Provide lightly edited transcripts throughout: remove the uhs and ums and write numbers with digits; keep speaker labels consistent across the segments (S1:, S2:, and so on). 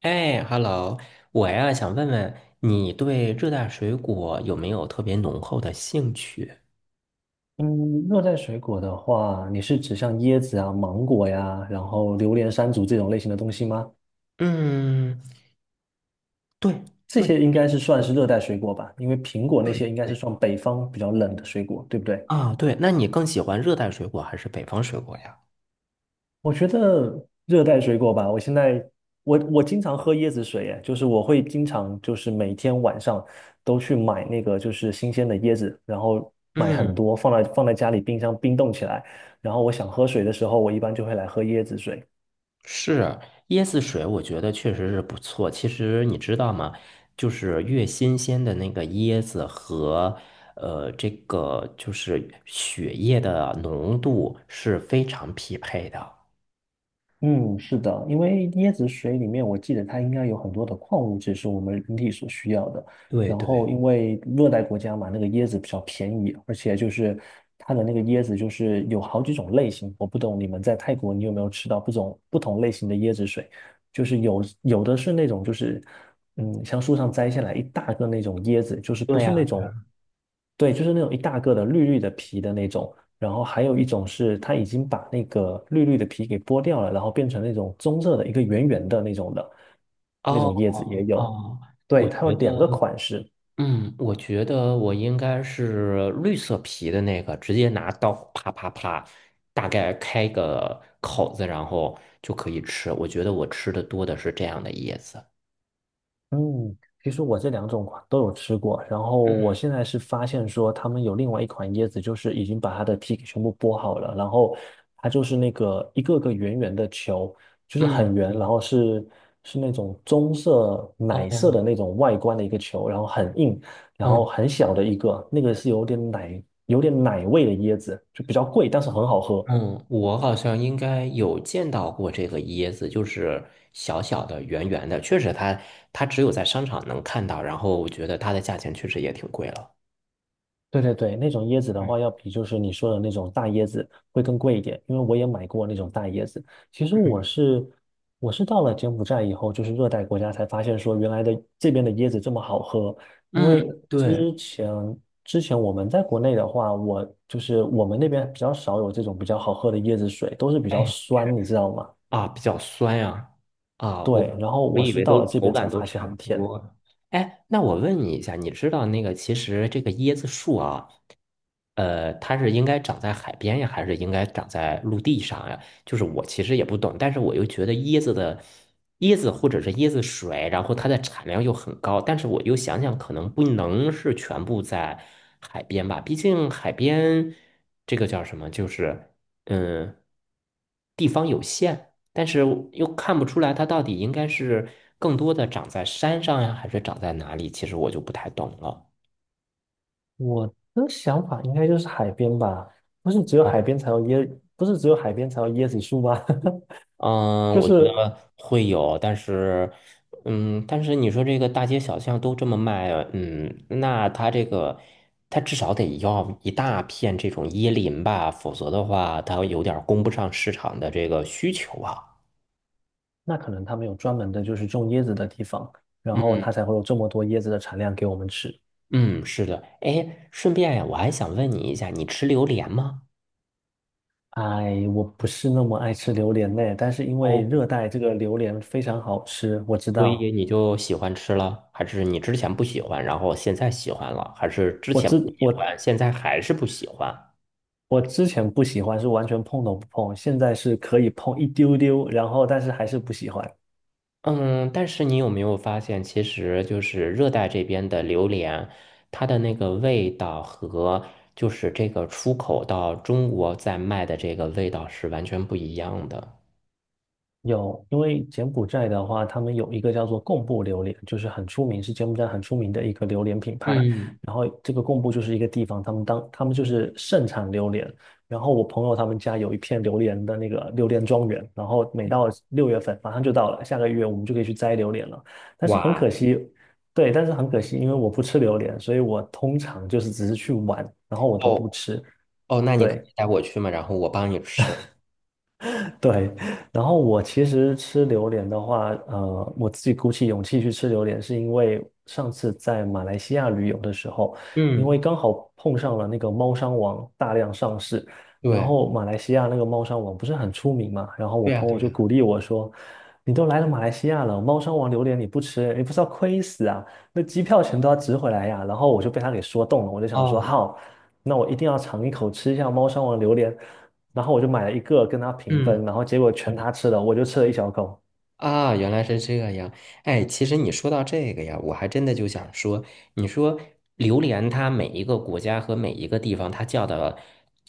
S1: 哎，Hello，我呀想问问你对热带水果有没有特别浓厚的兴趣？
S2: 嗯，热带水果的话，你是指像椰子啊、芒果呀，然后榴莲、山竹这种类型的东西吗？
S1: 嗯，对
S2: 这
S1: 对
S2: 些应该是算
S1: 对
S2: 是热带水果吧，因为苹果那
S1: 对
S2: 些应该是
S1: 对
S2: 算北方比较冷的水果，对不对？
S1: 啊，对，那你更喜欢热带水果还是北方水果呀？
S2: 我觉得热带水果吧，我现在我经常喝椰子水，哎，就是我会经常就是每天晚上都去买那个就是新鲜的椰子，然后买很
S1: 嗯，
S2: 多放在家里冰箱冰冻起来，然后我想喝水的时候，我一般就会来喝椰子水。
S1: 是椰子水，我觉得确实是不错。其实你知道吗？就是越新鲜的那个椰子和这个就是血液的浓度是非常匹配的。
S2: 嗯，是的，因为椰子水里面，我记得它应该有很多的矿物质是我们人体所需要的。
S1: 对
S2: 然后，
S1: 对。
S2: 因为热带国家嘛，那个椰子比较便宜，而且就是它的那个椰子就是有好几种类型。我不懂你们在泰国，你有没有吃到不种不同类型的椰子水？就是有的是那种就是像树上摘下来一大个那种椰子，就是不
S1: 对
S2: 是那
S1: 呀，
S2: 种，对，就是那种一大个的绿绿的皮的那种。然后还有一种是它已经把那个绿绿的皮给剥掉了，然后变成那种棕色的一个圆圆的那种的，那
S1: 哦
S2: 种叶子也有。
S1: 哦，我
S2: 对，它有
S1: 觉
S2: 两个
S1: 得，
S2: 款式。
S1: 我觉得我应该是绿色皮的那个，直接拿刀啪啪啪，大概开个口子，然后就可以吃。我觉得我吃的多的是这样的椰子。
S2: 嗯，其实我这两种款都有吃过，然后
S1: 嗯
S2: 我现在是发现说他们有另外一款椰子，就是已经把它的皮给全部剥好了，然后它就是那个一个个圆圆的球，就是
S1: 嗯，
S2: 很圆，然后是那种棕色奶色
S1: 哦，
S2: 的那种外观的一个球，然后很硬，然后
S1: 嗯
S2: 很小的一个，那个是有点奶味的椰子，就比较贵，但是很好喝。
S1: 嗯，我好像应该有见到过这个椰子，就是小小的、圆圆的，确实它只有在商场能看到，然后我觉得它的价钱确实也挺贵了。
S2: 对对对，那种椰子的
S1: 嗯
S2: 话，要比就是你说的那种大椰子会更贵一点，因为我也买过那种大椰子。其实我是我是到了柬埔寨以后，就是热带国家才发现说原来的这边的椰子这么好喝。因
S1: 嗯，
S2: 为
S1: 对，
S2: 之前我们在国内的话，我就是我们那边比较少有这种比较好喝的椰子水，都是比较
S1: 哎，
S2: 酸，你知道吗？
S1: 啊，比较酸呀、啊，我
S2: 对，然后
S1: 我
S2: 我
S1: 以
S2: 是
S1: 为
S2: 到
S1: 都
S2: 了这
S1: 口
S2: 边
S1: 感
S2: 才
S1: 都
S2: 发现
S1: 差不
S2: 很甜。
S1: 多。哎，那我问你一下，你知道那个其实这个椰子树啊，它是应该长在海边呀，还是应该长在陆地上呀？就是我其实也不懂，但是我又觉得椰子或者是椰子水，然后它的产量又很高，但是我又想想，可能不能是全部在海边吧，毕竟海边这个叫什么，就是嗯。地。但是我又看不出来它到底应该是更多的长在山上呀，还是长在哪里？其实我就不太懂了。
S2: 我的想法应该就是海边吧，不是只有
S1: 哦，
S2: 海边才有椰，不是只有海边才有椰子树吗？
S1: 嗯，
S2: 就
S1: 我觉
S2: 是
S1: 得会有，但是你说这个大街小巷都这么卖，那它这个，它至少得要一大片这种椰林吧，否则的话，它有点儿供不上市场的这个需求啊。
S2: 那可能他们有专门的，就是种椰子的地方，然后它才会有这么多椰子的产量给我们吃。
S1: 嗯，是的。哎，顺便呀，我还想问你一下，你吃榴莲吗？
S2: 哎，我不是那么爱吃榴莲呢，但是因为
S1: 哦。
S2: 热带这个榴莲非常好吃，我知
S1: 所以
S2: 道，
S1: 你就喜欢吃了，还是你之前不喜欢，然后现在喜欢了，还是之
S2: 我
S1: 前不
S2: 之
S1: 喜欢，
S2: 我
S1: 现在还是不喜欢？
S2: 我之前不喜欢，是完全碰都不碰，现在是可以碰一丢丢，然后但是还是不喜欢。
S1: 嗯，但是你有没有发现，其实就是热带这边的榴莲，它的那个味道和就是这个出口到中国在卖的这个味道是完全不一样的。
S2: 有，因为柬埔寨的话，他们有一个叫做贡布榴莲，就是很出名，是柬埔寨很出名的一个榴莲品牌。
S1: 嗯，
S2: 然后这个贡布就是一个地方，他们就是盛产榴莲。然后我朋友他们家有一片榴莲的那个榴莲庄园，然后每
S1: 哦
S2: 到6月份马上就到了，下个月我们就可以去摘榴莲了。但是很可
S1: 哇，
S2: 惜，对，但是很可惜，因为我不吃榴莲，所以我通常就是只是去玩，然后我都不
S1: 哦
S2: 吃。
S1: 哦，那你可
S2: 对，
S1: 以带我去吗？然后我帮你吃。
S2: 对，然后我其实吃榴莲的话，我自己鼓起勇气去吃榴莲，是因为上次在马来西亚旅游的时候，因
S1: 嗯，
S2: 为刚好碰上了那个猫山王大量上市，然
S1: 对，
S2: 后马来西亚那个猫山王不是很出名嘛，然后我
S1: 对呀，
S2: 朋友
S1: 对呀。
S2: 就鼓励我说："你都来了马来西亚了，猫山王榴莲你不吃，你不是要亏死啊？那机票钱都要值回来呀。"然后我就被他给说动了，我就想说
S1: 哦，
S2: 好，那我一定要尝一口吃一下猫山王榴莲。然后我就买了一个跟他平
S1: 嗯。
S2: 分，然后结果全他吃了，我就吃了一小口，
S1: 啊，原来是这样。哎，其实你说到这个呀，我还真的就想说，你说榴莲它每一个国家和每一个地方，它叫的，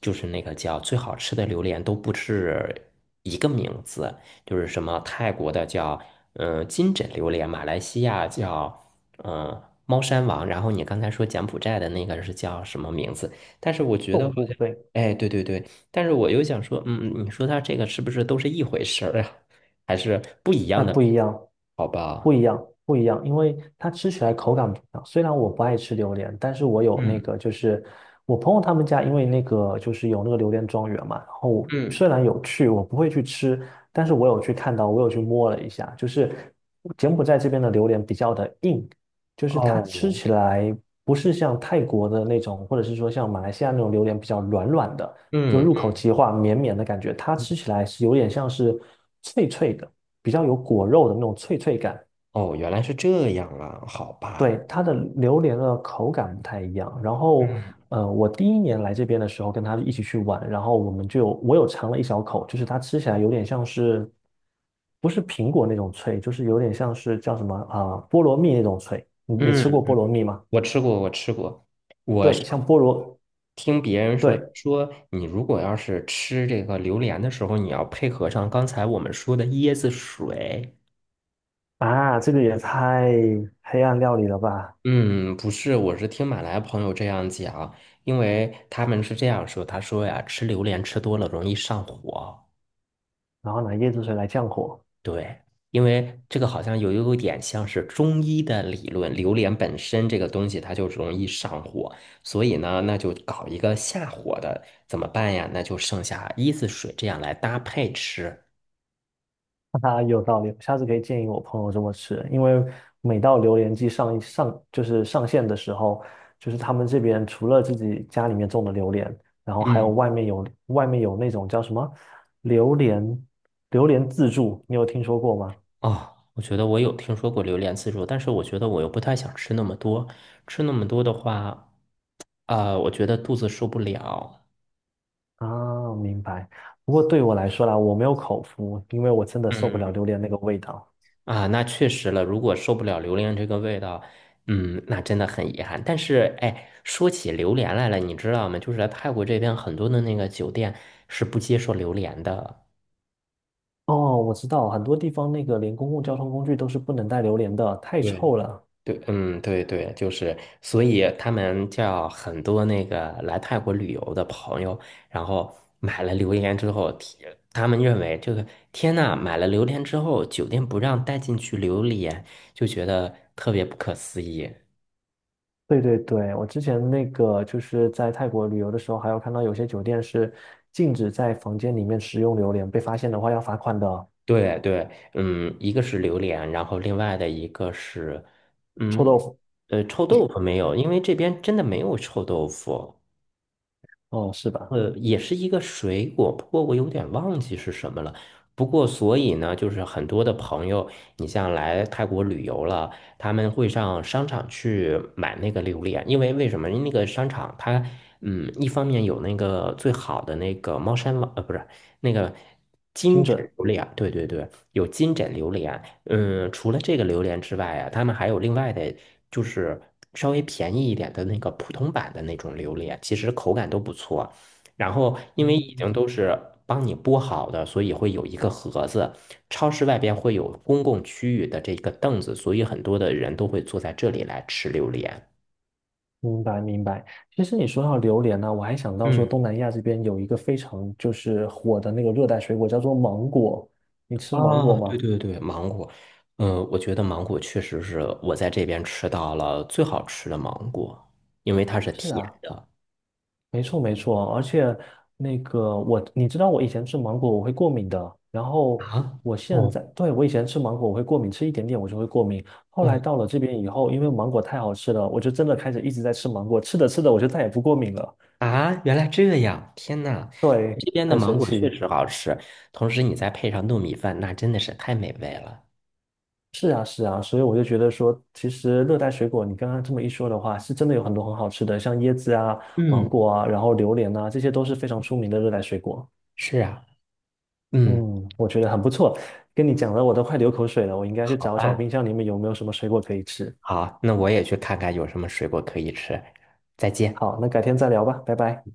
S1: 就是那个叫最好吃的榴莲都不是一个名字，就是什么泰国的叫金枕榴莲，马来西亚叫猫山王，然后你刚才说柬埔寨的那个是叫什么名字？但是我觉得
S2: 痛
S1: 好
S2: 不
S1: 像
S2: 悲。
S1: 哎，对对对，但是我又想说，你说它这个是不是都是一回事儿啊？还是不一样
S2: 啊，
S1: 的，
S2: 不一样，
S1: 好
S2: 不
S1: 吧？
S2: 一样，不一样，因为它吃起来口感不一样。虽然我不爱吃榴莲，但是我有那
S1: 嗯
S2: 个，就是我朋友他们家，因为那个就是有那个榴莲庄园嘛。然后
S1: 嗯，
S2: 虽然有去，我不会去吃，但是我有去看到，我有去摸了一下，就是柬埔寨这边的榴莲比较的硬，就是它吃
S1: 哦，
S2: 起来不是像泰国的那种，或者是说像马来西亚那种榴莲比较软软的，就
S1: 嗯，
S2: 入口即化、绵绵的感觉，它
S1: 嗯
S2: 吃起来是有点像是脆脆的。比较有果肉的那种脆脆感。
S1: 哦，原来是这样啊，好吧。
S2: 对，它的榴莲的口感不太一样。然后，
S1: 嗯
S2: 我第一年来这边的时候，跟他一起去玩，然后我们就我有尝了一小口，就是它吃起来有点像是，不是苹果那种脆，就是有点像是叫什么啊、菠萝蜜那种脆。你吃
S1: 嗯，
S2: 过菠萝蜜吗？
S1: 我吃过，我吃过。我
S2: 对，
S1: 是
S2: 像菠萝，
S1: 听别人说，
S2: 对
S1: 说你如果要是吃这个榴莲的时候，你要配合上刚才我们说的椰子水。
S2: 啊，这个也太黑暗料理了吧？
S1: 嗯，不是，我是听马来朋友这样讲，因为他们是这样说，他说呀，吃榴莲吃多了容易上火。
S2: 然后拿椰子水来降火。
S1: 对，因为这个好像有点像是中医的理论，榴莲本身这个东西它就容易上火，所以呢，那就搞一个下火的，怎么办呀？那就剩下椰子水这样来搭配吃。
S2: 哈哈，有道理，下次可以建议我朋友这么吃，因为每到榴莲季就是上线的时候，就是他们这边除了自己家里面种的榴莲，然后还有
S1: 嗯，
S2: 外面有那种叫什么榴莲榴莲自助，你有听说过吗？
S1: 哦，我觉得我有听说过榴莲自助，但是我觉得我又不太想吃那么多，吃那么多的话，啊、我觉得肚子受不了。
S2: 啊，明白。不过对我来说啦，我没有口福，因为我真的受不
S1: 嗯。
S2: 了榴莲那个味道。
S1: 啊，那确实了。如果受不了榴莲这个味道，那真的很遗憾。但是，哎，说起榴莲来了，你知道吗？就是来泰国这边很多的那个酒店是不接受榴莲的。
S2: 哦，我知道，很多地方那个连公共交通工具都是不能带榴莲的，太
S1: 对，
S2: 臭了。
S1: 对，嗯，对对，就是，所以他们叫很多那个来泰国旅游的朋友，然后买了榴莲之后，天他们认为这个天呐，买了榴莲之后，酒店不让带进去榴莲，就觉得特别不可思议。
S2: 对对对，我之前那个就是在泰国旅游的时候，还有看到有些酒店是禁止在房间里面食用榴莲，被发现的话要罚款的。
S1: 对对，嗯，一个是榴莲，然后另外的一个是，
S2: 臭
S1: 嗯，
S2: 豆腐，
S1: 臭豆腐没有，因为这边真的没有臭豆腐。
S2: 哦，是吧？
S1: 也是一个水果，不过我有点忘记是什么了。不过，所以呢，就是很多的朋友，你像来泰国旅游了，他们会上商场去买那个榴莲，因为为什么？因为那个商场它，一方面有那个最好的那个猫山王，不是那个
S2: 精
S1: 金枕
S2: 准。
S1: 榴莲，对对对，有金枕榴莲。嗯，除了这个榴莲之外啊，他们还有另外的，就是稍微便宜一点的那个普通版的那种榴莲，其实口感都不错。然后因为已经
S2: 嗯，
S1: 都是帮你剥好的，所以会有一个盒子。超市外边会有公共区域的这个凳子，所以很多的人都会坐在这里来吃榴莲。
S2: 明白明白。其实你说到榴莲呢、我还想到说
S1: 嗯，
S2: 东南亚这边有一个非常就是火的那个热带水果叫做芒果，你吃芒果
S1: 哦，
S2: 吗？
S1: 对对对，芒果，我觉得芒果确实是我在这边吃到了最好吃的芒果，因为它是
S2: 是
S1: 甜
S2: 啊，
S1: 的
S2: 没错没错，而且那个我，你知道我以前吃芒果我会过敏的，然后
S1: 啊。
S2: 我现
S1: 哦，
S2: 在，对，我以前吃芒果我会过敏，吃一点点我就会过敏。后来
S1: 嗯
S2: 到了这边以后，因为芒果太好吃了，我就真的开始一直在吃芒果，吃着吃着我就再也不过敏了。
S1: 啊，原来这样，天呐，
S2: 对，
S1: 这边的
S2: 很
S1: 芒
S2: 神
S1: 果确
S2: 奇。
S1: 实好吃，同时你再配上糯米饭，那真的是太美味了。
S2: 是啊是啊，所以我就觉得说，其实热带水果你刚刚这么一说的话，是真的有很多很好吃的，像椰子啊、芒
S1: 嗯。
S2: 果啊，然后榴莲啊，这些都是非常出名的热带水果。
S1: 是啊，嗯，
S2: 嗯，我觉得很不错，跟你讲的我都快流口水了，我应该去
S1: 好
S2: 找找
S1: 吧，
S2: 冰箱里面有没有什么水果可以吃。
S1: 好，那我也去看看有什么水果可以吃。再见。
S2: 好，那改天再聊吧，拜拜。